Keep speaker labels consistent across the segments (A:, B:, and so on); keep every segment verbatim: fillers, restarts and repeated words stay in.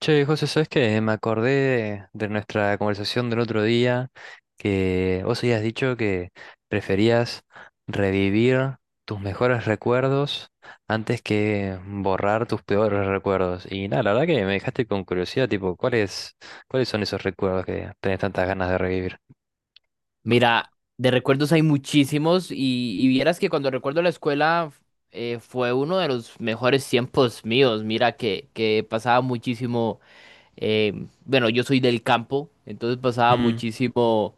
A: Che, José, ¿sabes qué? Me acordé de nuestra conversación del otro día que vos habías dicho que preferías revivir tus mejores recuerdos antes que borrar tus peores recuerdos. Y nada, la verdad que me dejaste con curiosidad, tipo, ¿cuáles, cuáles son esos recuerdos que tenés tantas ganas de revivir?
B: Mira, de recuerdos hay muchísimos y, y vieras que cuando recuerdo la escuela eh, fue uno de los mejores tiempos míos. Mira que, que pasaba muchísimo, eh, bueno, yo soy del campo, entonces pasaba
A: Mm,
B: muchísimo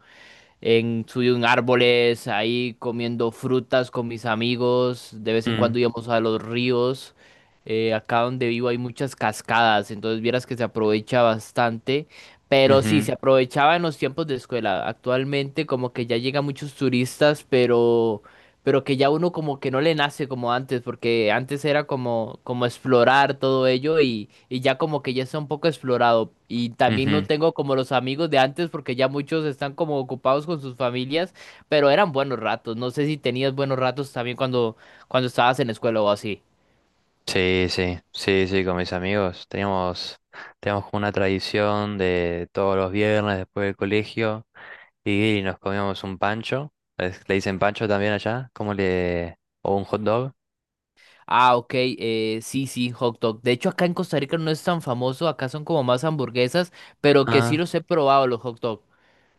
B: en, subí en árboles, ahí comiendo frutas con mis amigos. De vez en
A: mm,
B: cuando íbamos a los ríos. Eh, acá donde vivo hay muchas cascadas, entonces vieras que se aprovecha bastante. Pero sí,
A: ujú,
B: se aprovechaba en los tiempos de escuela. Actualmente como que ya llegan muchos turistas, pero pero que ya uno como que no le nace como antes, porque antes era como, como explorar todo ello y, y ya como que ya está un poco explorado. Y también no
A: ujú.
B: tengo como los amigos de antes, porque ya muchos están como ocupados con sus familias, pero eran buenos ratos. No sé si tenías buenos ratos también cuando, cuando estabas en la escuela o así.
A: Sí, sí, sí, sí, con mis amigos. Teníamos, teníamos como una tradición de todos los viernes después del colegio. Y nos comíamos un pancho. ¿Es- ¿Le dicen pancho también allá? ¿Cómo le...? ¿O un hot dog?
B: Ah, ok, eh, sí, sí, hot dog. De hecho, acá en Costa Rica no es tan famoso, acá son como más hamburguesas, pero que sí
A: Ah,
B: los he probado los hot dog.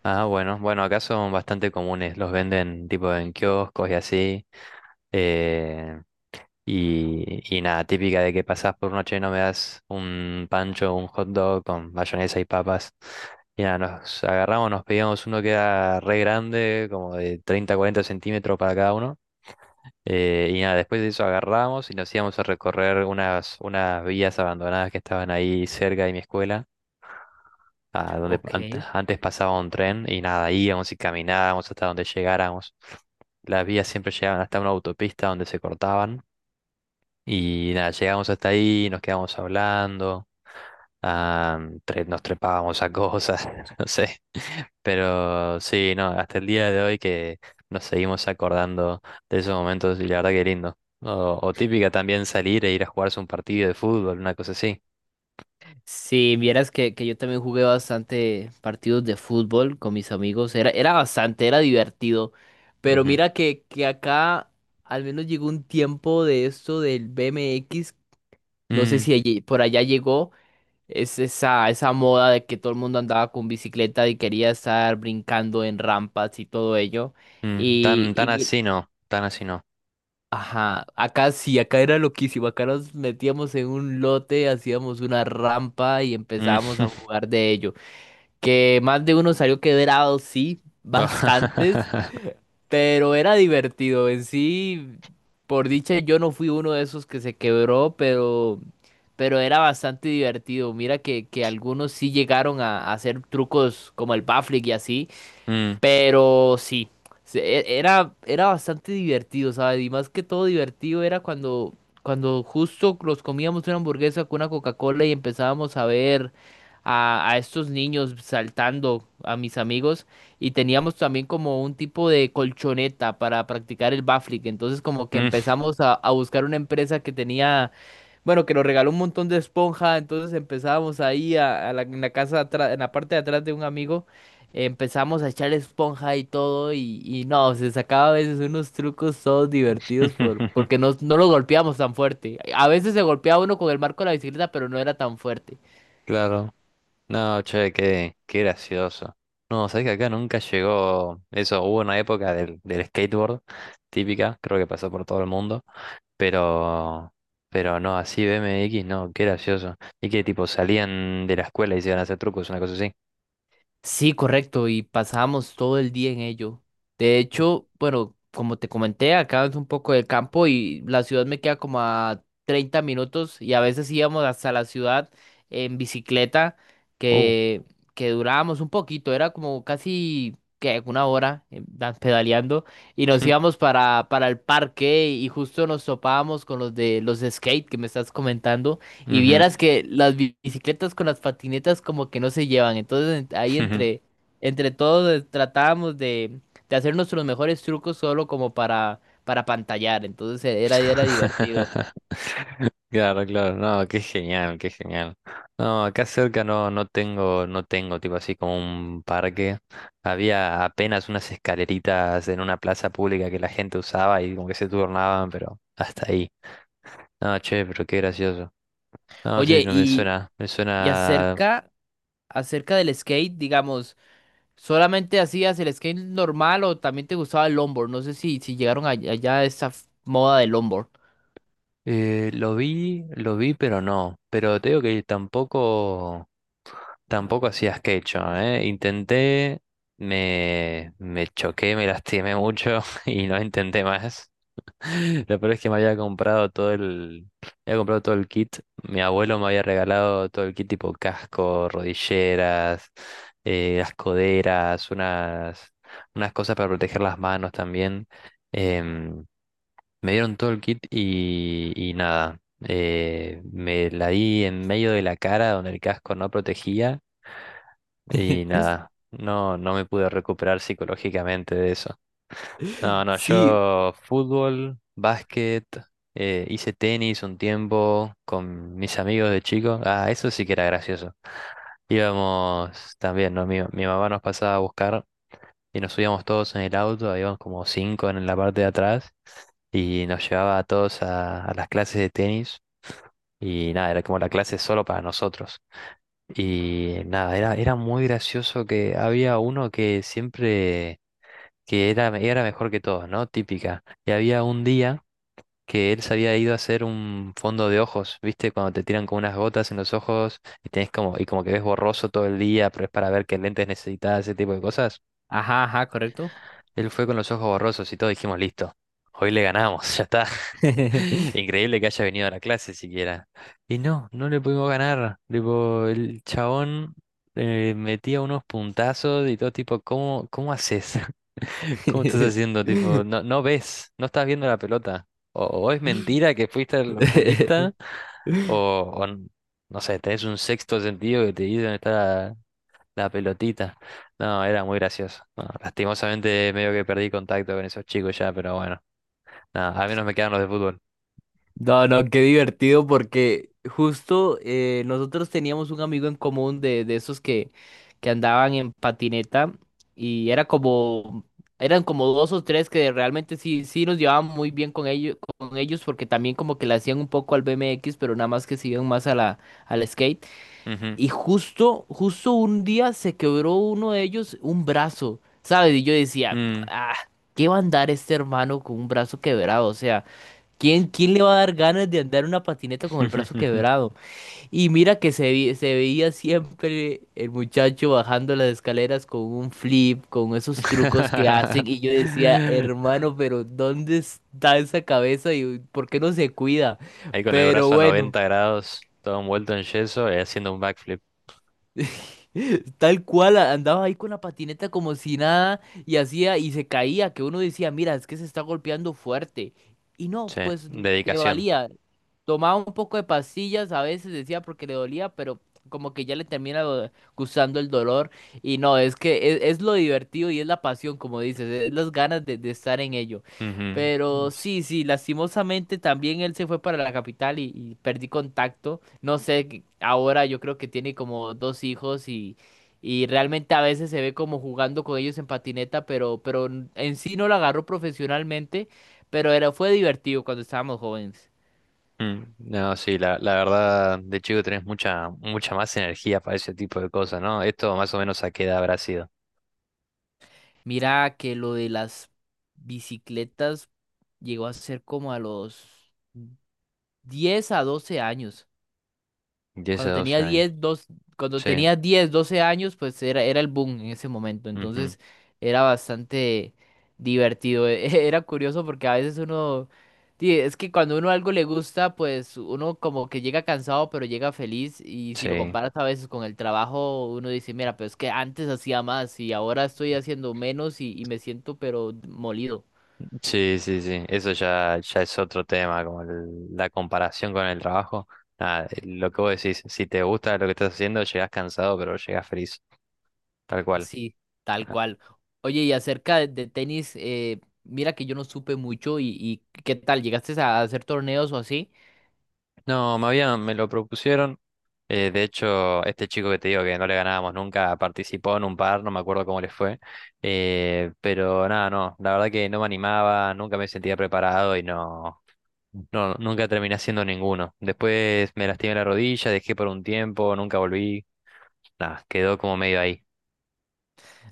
A: ah, bueno. Bueno, acá son bastante comunes. Los venden tipo en kioscos y así. Eh, y, y nada, típica de que pasás por una, che, no me das un pancho, un hot dog con mayonesa y papas. Y nada, nos agarramos, nos pedíamos uno que era re grande, como de treinta cuarenta centímetros para cada uno. Eh, y nada, después de eso agarramos y nos íbamos a recorrer unas, unas vías abandonadas que estaban ahí cerca de mi escuela, a donde ante-
B: Ok.
A: antes pasaba un tren y nada, íbamos y caminábamos hasta donde llegáramos. Las vías siempre llegaban hasta una autopista donde se cortaban y nada, llegamos hasta ahí, nos quedamos hablando, ah, tre- nos trepábamos a cosas, no sé. Pero sí, no, hasta el día de hoy que nos seguimos acordando de esos momentos y la verdad que lindo. O, o típica también salir e ir a jugarse un partido de fútbol, una cosa así.
B: Si vieras que, que yo también jugué bastante partidos de fútbol con mis amigos, era, era bastante, era divertido, pero
A: Ujú.
B: mira que, que acá al menos llegó un tiempo de esto del B M X. No sé
A: Mm,
B: si allí- por allá llegó, es esa, esa moda de que todo el mundo andaba con bicicleta y quería estar brincando en rampas y todo ello,
A: mm,
B: y,
A: tan,
B: y
A: tan
B: mi-
A: así no, tan así no.
B: ajá, acá sí, acá era loquísimo, acá nos metíamos en un lote, hacíamos una rampa y empezábamos
A: Mm.
B: a jugar de ello que más de uno salió quebrado, sí, bastantes, pero era divertido en sí. Por dicha, yo no fui uno de esos que se quebró, pero, pero era bastante divertido. Mira que, que algunos sí llegaron a, a hacer trucos como el backflip y así.
A: Mm,
B: Pero sí, se- e- era, era bastante divertido, ¿sabes? Y más que todo divertido era cuando, cuando justo los comíamos una hamburguesa con una Coca-Cola y empezábamos a ver a, a estos niños saltando, a mis amigos, y teníamos también como un tipo de colchoneta para practicar el backflip. Entonces como que
A: mm.
B: empezamos a, a buscar una empresa que tenía... Bueno, que nos regaló un montón de esponja, entonces empezábamos ahí a, a la, en la casa atrás, en la parte de atrás de un amigo. Empezamos a echar esponja y todo y, y no, se sacaba a veces unos trucos todos divertidos por, porque no, no lo golpeamos tan fuerte. A veces se golpeaba uno con el marco de la bicicleta, pero no era tan fuerte.
A: Claro. No, che, qué, qué gracioso. No, sabés que acá nunca llegó eso. Hubo una época del, del skateboard, típica, creo que pasó por todo el mundo, pero, pero no, así B M X, no, qué gracioso. Y que tipo salían de la escuela y se iban a hacer trucos, una cosa así.
B: Sí, correcto, y pasábamos todo el día en ello. De hecho, bueno, como te comenté, acá es un poco de campo y la ciudad me queda como a treinta minutos y a veces íbamos hasta la ciudad en bicicleta
A: Uh.
B: que, que durábamos un poquito, era como casi que una hora eh, da- pedaleando y nos íbamos para, para el parque y justo nos topábamos con los de los de skate que me estás comentando. Y
A: ujú,
B: vieras que las bi- bicicletas con las patinetas como que no se llevan. Entonces en- ahí
A: ujú.
B: entre, entre todos eh, tratábamos de, de hacer nuestros mejores trucos solo como para, para pantallar. Entonces eh, era, era divertido.
A: Claro, claro, no, qué genial, qué genial. No, acá cerca no, no tengo, no tengo tipo así como un parque. Había apenas unas escaleritas en una plaza pública que la gente usaba y como que se turnaban, pero hasta ahí. No, che, pero qué gracioso. No, sí,
B: Oye,
A: no me
B: y,
A: suena, me
B: y
A: suena.
B: acerca, acerca del skate, digamos, ¿solamente hacías el skate normal o también te gustaba el longboard? No sé si, si llegaron a- allá a esa f- moda del longboard.
A: Eh, lo vi, lo vi, pero no. Pero te digo que tampoco. Tampoco hacía skate, ¿eh? Intenté, me, me choqué, me lastimé mucho y no intenté más. Lo peor es que me había comprado todo el, me había comprado todo el kit. Mi abuelo me había regalado todo el kit, tipo casco, rodilleras, eh, las coderas, unas, unas cosas para proteger las manos también. Em, me dieron todo el kit y, y nada. eh, me la di en medio de la cara donde el casco no protegía y nada, no, no me pude recuperar psicológicamente de eso. No, no,
B: Sí.
A: yo fútbol, básquet, eh, hice tenis un tiempo con mis amigos de chico. Ah, eso sí que era gracioso. Íbamos también, ¿no? Mi, mi mamá nos pasaba a buscar y nos subíamos todos en el auto, íbamos como cinco en la parte de atrás y nos llevaba a todos a, a, las clases de tenis y nada, era como la clase solo para nosotros. Y nada, era, era muy gracioso que había uno que siempre, que era, era mejor que todos, ¿no? Típica. Y había un día que él se había ido a hacer un fondo de ojos, ¿viste? Cuando te tiran con unas gotas en los ojos y tenés como, y como que ves borroso todo el día, pero es para ver qué lentes necesitas, ese tipo de cosas.
B: Ajá, ajá, correcto.
A: Él fue con los ojos borrosos y todos dijimos, listo, hoy le ganamos, ya está. Increíble que haya venido a la clase siquiera. Y no, no le pudimos ganar. Tipo, el chabón eh, metía unos puntazos y todo, tipo, ¿cómo, cómo haces? ¿Cómo estás haciendo? Tipo, no, no ves, no estás viendo la pelota. O, o es mentira que fuiste al oculista, o, o n- no sé, tenés un sexto sentido que te dice dónde está la, la pelotita. No, era muy gracioso. No, lastimosamente medio que perdí contacto con esos chicos ya, pero bueno. Nada, al menos me quedaron los de fútbol.
B: No, no, qué divertido porque justo eh, nosotros teníamos un amigo en común de, de esos que, que andaban en patineta y era como, eran como dos o tres que realmente sí, sí nos llevaban muy bien con ellos, con ellos porque también como que le hacían un poco al B M X, pero nada más que se iban más a la, al skate.
A: Ujú.
B: Y justo, justo un día se quebró uno de ellos un brazo, ¿sabes? Y yo decía,
A: Mm.
B: ah, ¿qué va a andar este hermano con un brazo quebrado? O sea... ¿Quién, quién le va a dar ganas de andar en una patineta con el brazo quebrado? Y mira que se, vi- se veía siempre el muchacho bajando las escaleras con un flip, con esos trucos que hacen. Y yo decía, hermano, pero ¿dónde está esa cabeza y por qué no se cuida?
A: Ahí con el
B: Pero
A: brazo a
B: bueno.
A: noventa grados, todo envuelto en yeso y haciendo un backflip.
B: Tal cual, a- andaba ahí con la patineta como si nada y hacía y se caía, que uno decía, mira, es que se está golpeando fuerte. Y no,
A: Sí,
B: pues le
A: dedicación.
B: valía. Tomaba un poco de pastillas, a veces decía porque le dolía, pero como que ya le termina do- gustando el dolor. Y no, es que es, es lo divertido y es la pasión, como dices, es las ganas de, de estar en ello.
A: Ujú.
B: Pero
A: S-
B: sí, sí, lastimosamente también él se fue para la capital y y perdí contacto. No sé, que ahora yo creo que tiene como dos hijos y, y realmente a veces se ve como jugando con ellos en patineta, pero, pero n- en sí no lo agarró profesionalmente, pero era, fue divertido cuando estábamos jóvenes.
A: mm. No, sí, la, la verdad, de chico tenés mucha, mucha más energía para ese tipo de cosas, ¿no? Esto más o menos, ¿a qué edad habrá sido?
B: Mira que lo de las bicicletas llegó a ser como a los diez a doce años.
A: diez a
B: Cuando tenía
A: doce años.
B: diez dos- cuando
A: Sí,
B: tenía diez doce años, pues era, era el boom en ese momento.
A: ujú,
B: Entonces era bastante divertido. e- Era curioso porque a veces uno... sí, es que cuando uno algo le gusta, pues uno como que llega cansado, pero llega feliz. Y si lo
A: sí.
B: comparas a veces con el trabajo, uno dice, mira, pero es que antes hacía más y ahora estoy haciendo menos y, y me siento pero molido.
A: Sí, sí, sí, eso ya, ya es otro tema, como el- la comparación con el trabajo. Nada, eh, lo que vos decís, si te gusta lo que estás haciendo, llegás cansado, pero llegás feliz, tal cual.
B: Sí, tal cual. Oye, y acerca de, de tenis, eh, mira que yo no supe mucho y, y ¿qué tal? ¿Llegaste a hacer torneos o así?
A: No, me habían, me lo propusieron. Eh, de hecho, este chico que te digo que no le ganábamos nunca participó en un par, no me acuerdo cómo le fue. Eh, pero nada, no, la verdad que no me animaba, nunca me sentía preparado y no, no, nunca terminé haciendo ninguno. Después me lastimé la rodilla, dejé por un tiempo, nunca volví. Nada, quedó como medio ahí.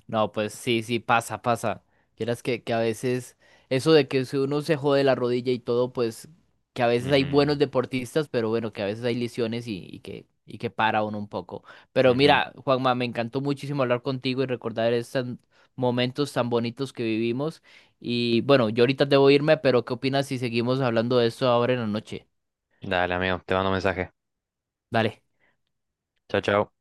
B: No, pues sí, sí, pasa, pasa. Vieras que, que a veces eso de que si uno se jode la rodilla y todo, pues que a veces hay buenos
A: Ujú,
B: deportistas, pero bueno, que a veces hay lesiones y, y que, y que para uno un poco. Pero
A: ujú.
B: mira, Juanma, me encantó muchísimo hablar contigo y recordar estos momentos tan bonitos que vivimos. Y bueno, yo ahorita debo irme, pero ¿qué opinas si seguimos hablando de esto ahora en la noche?
A: Dale, amigo, te mando un mensaje.
B: Dale.
A: Chao, chao.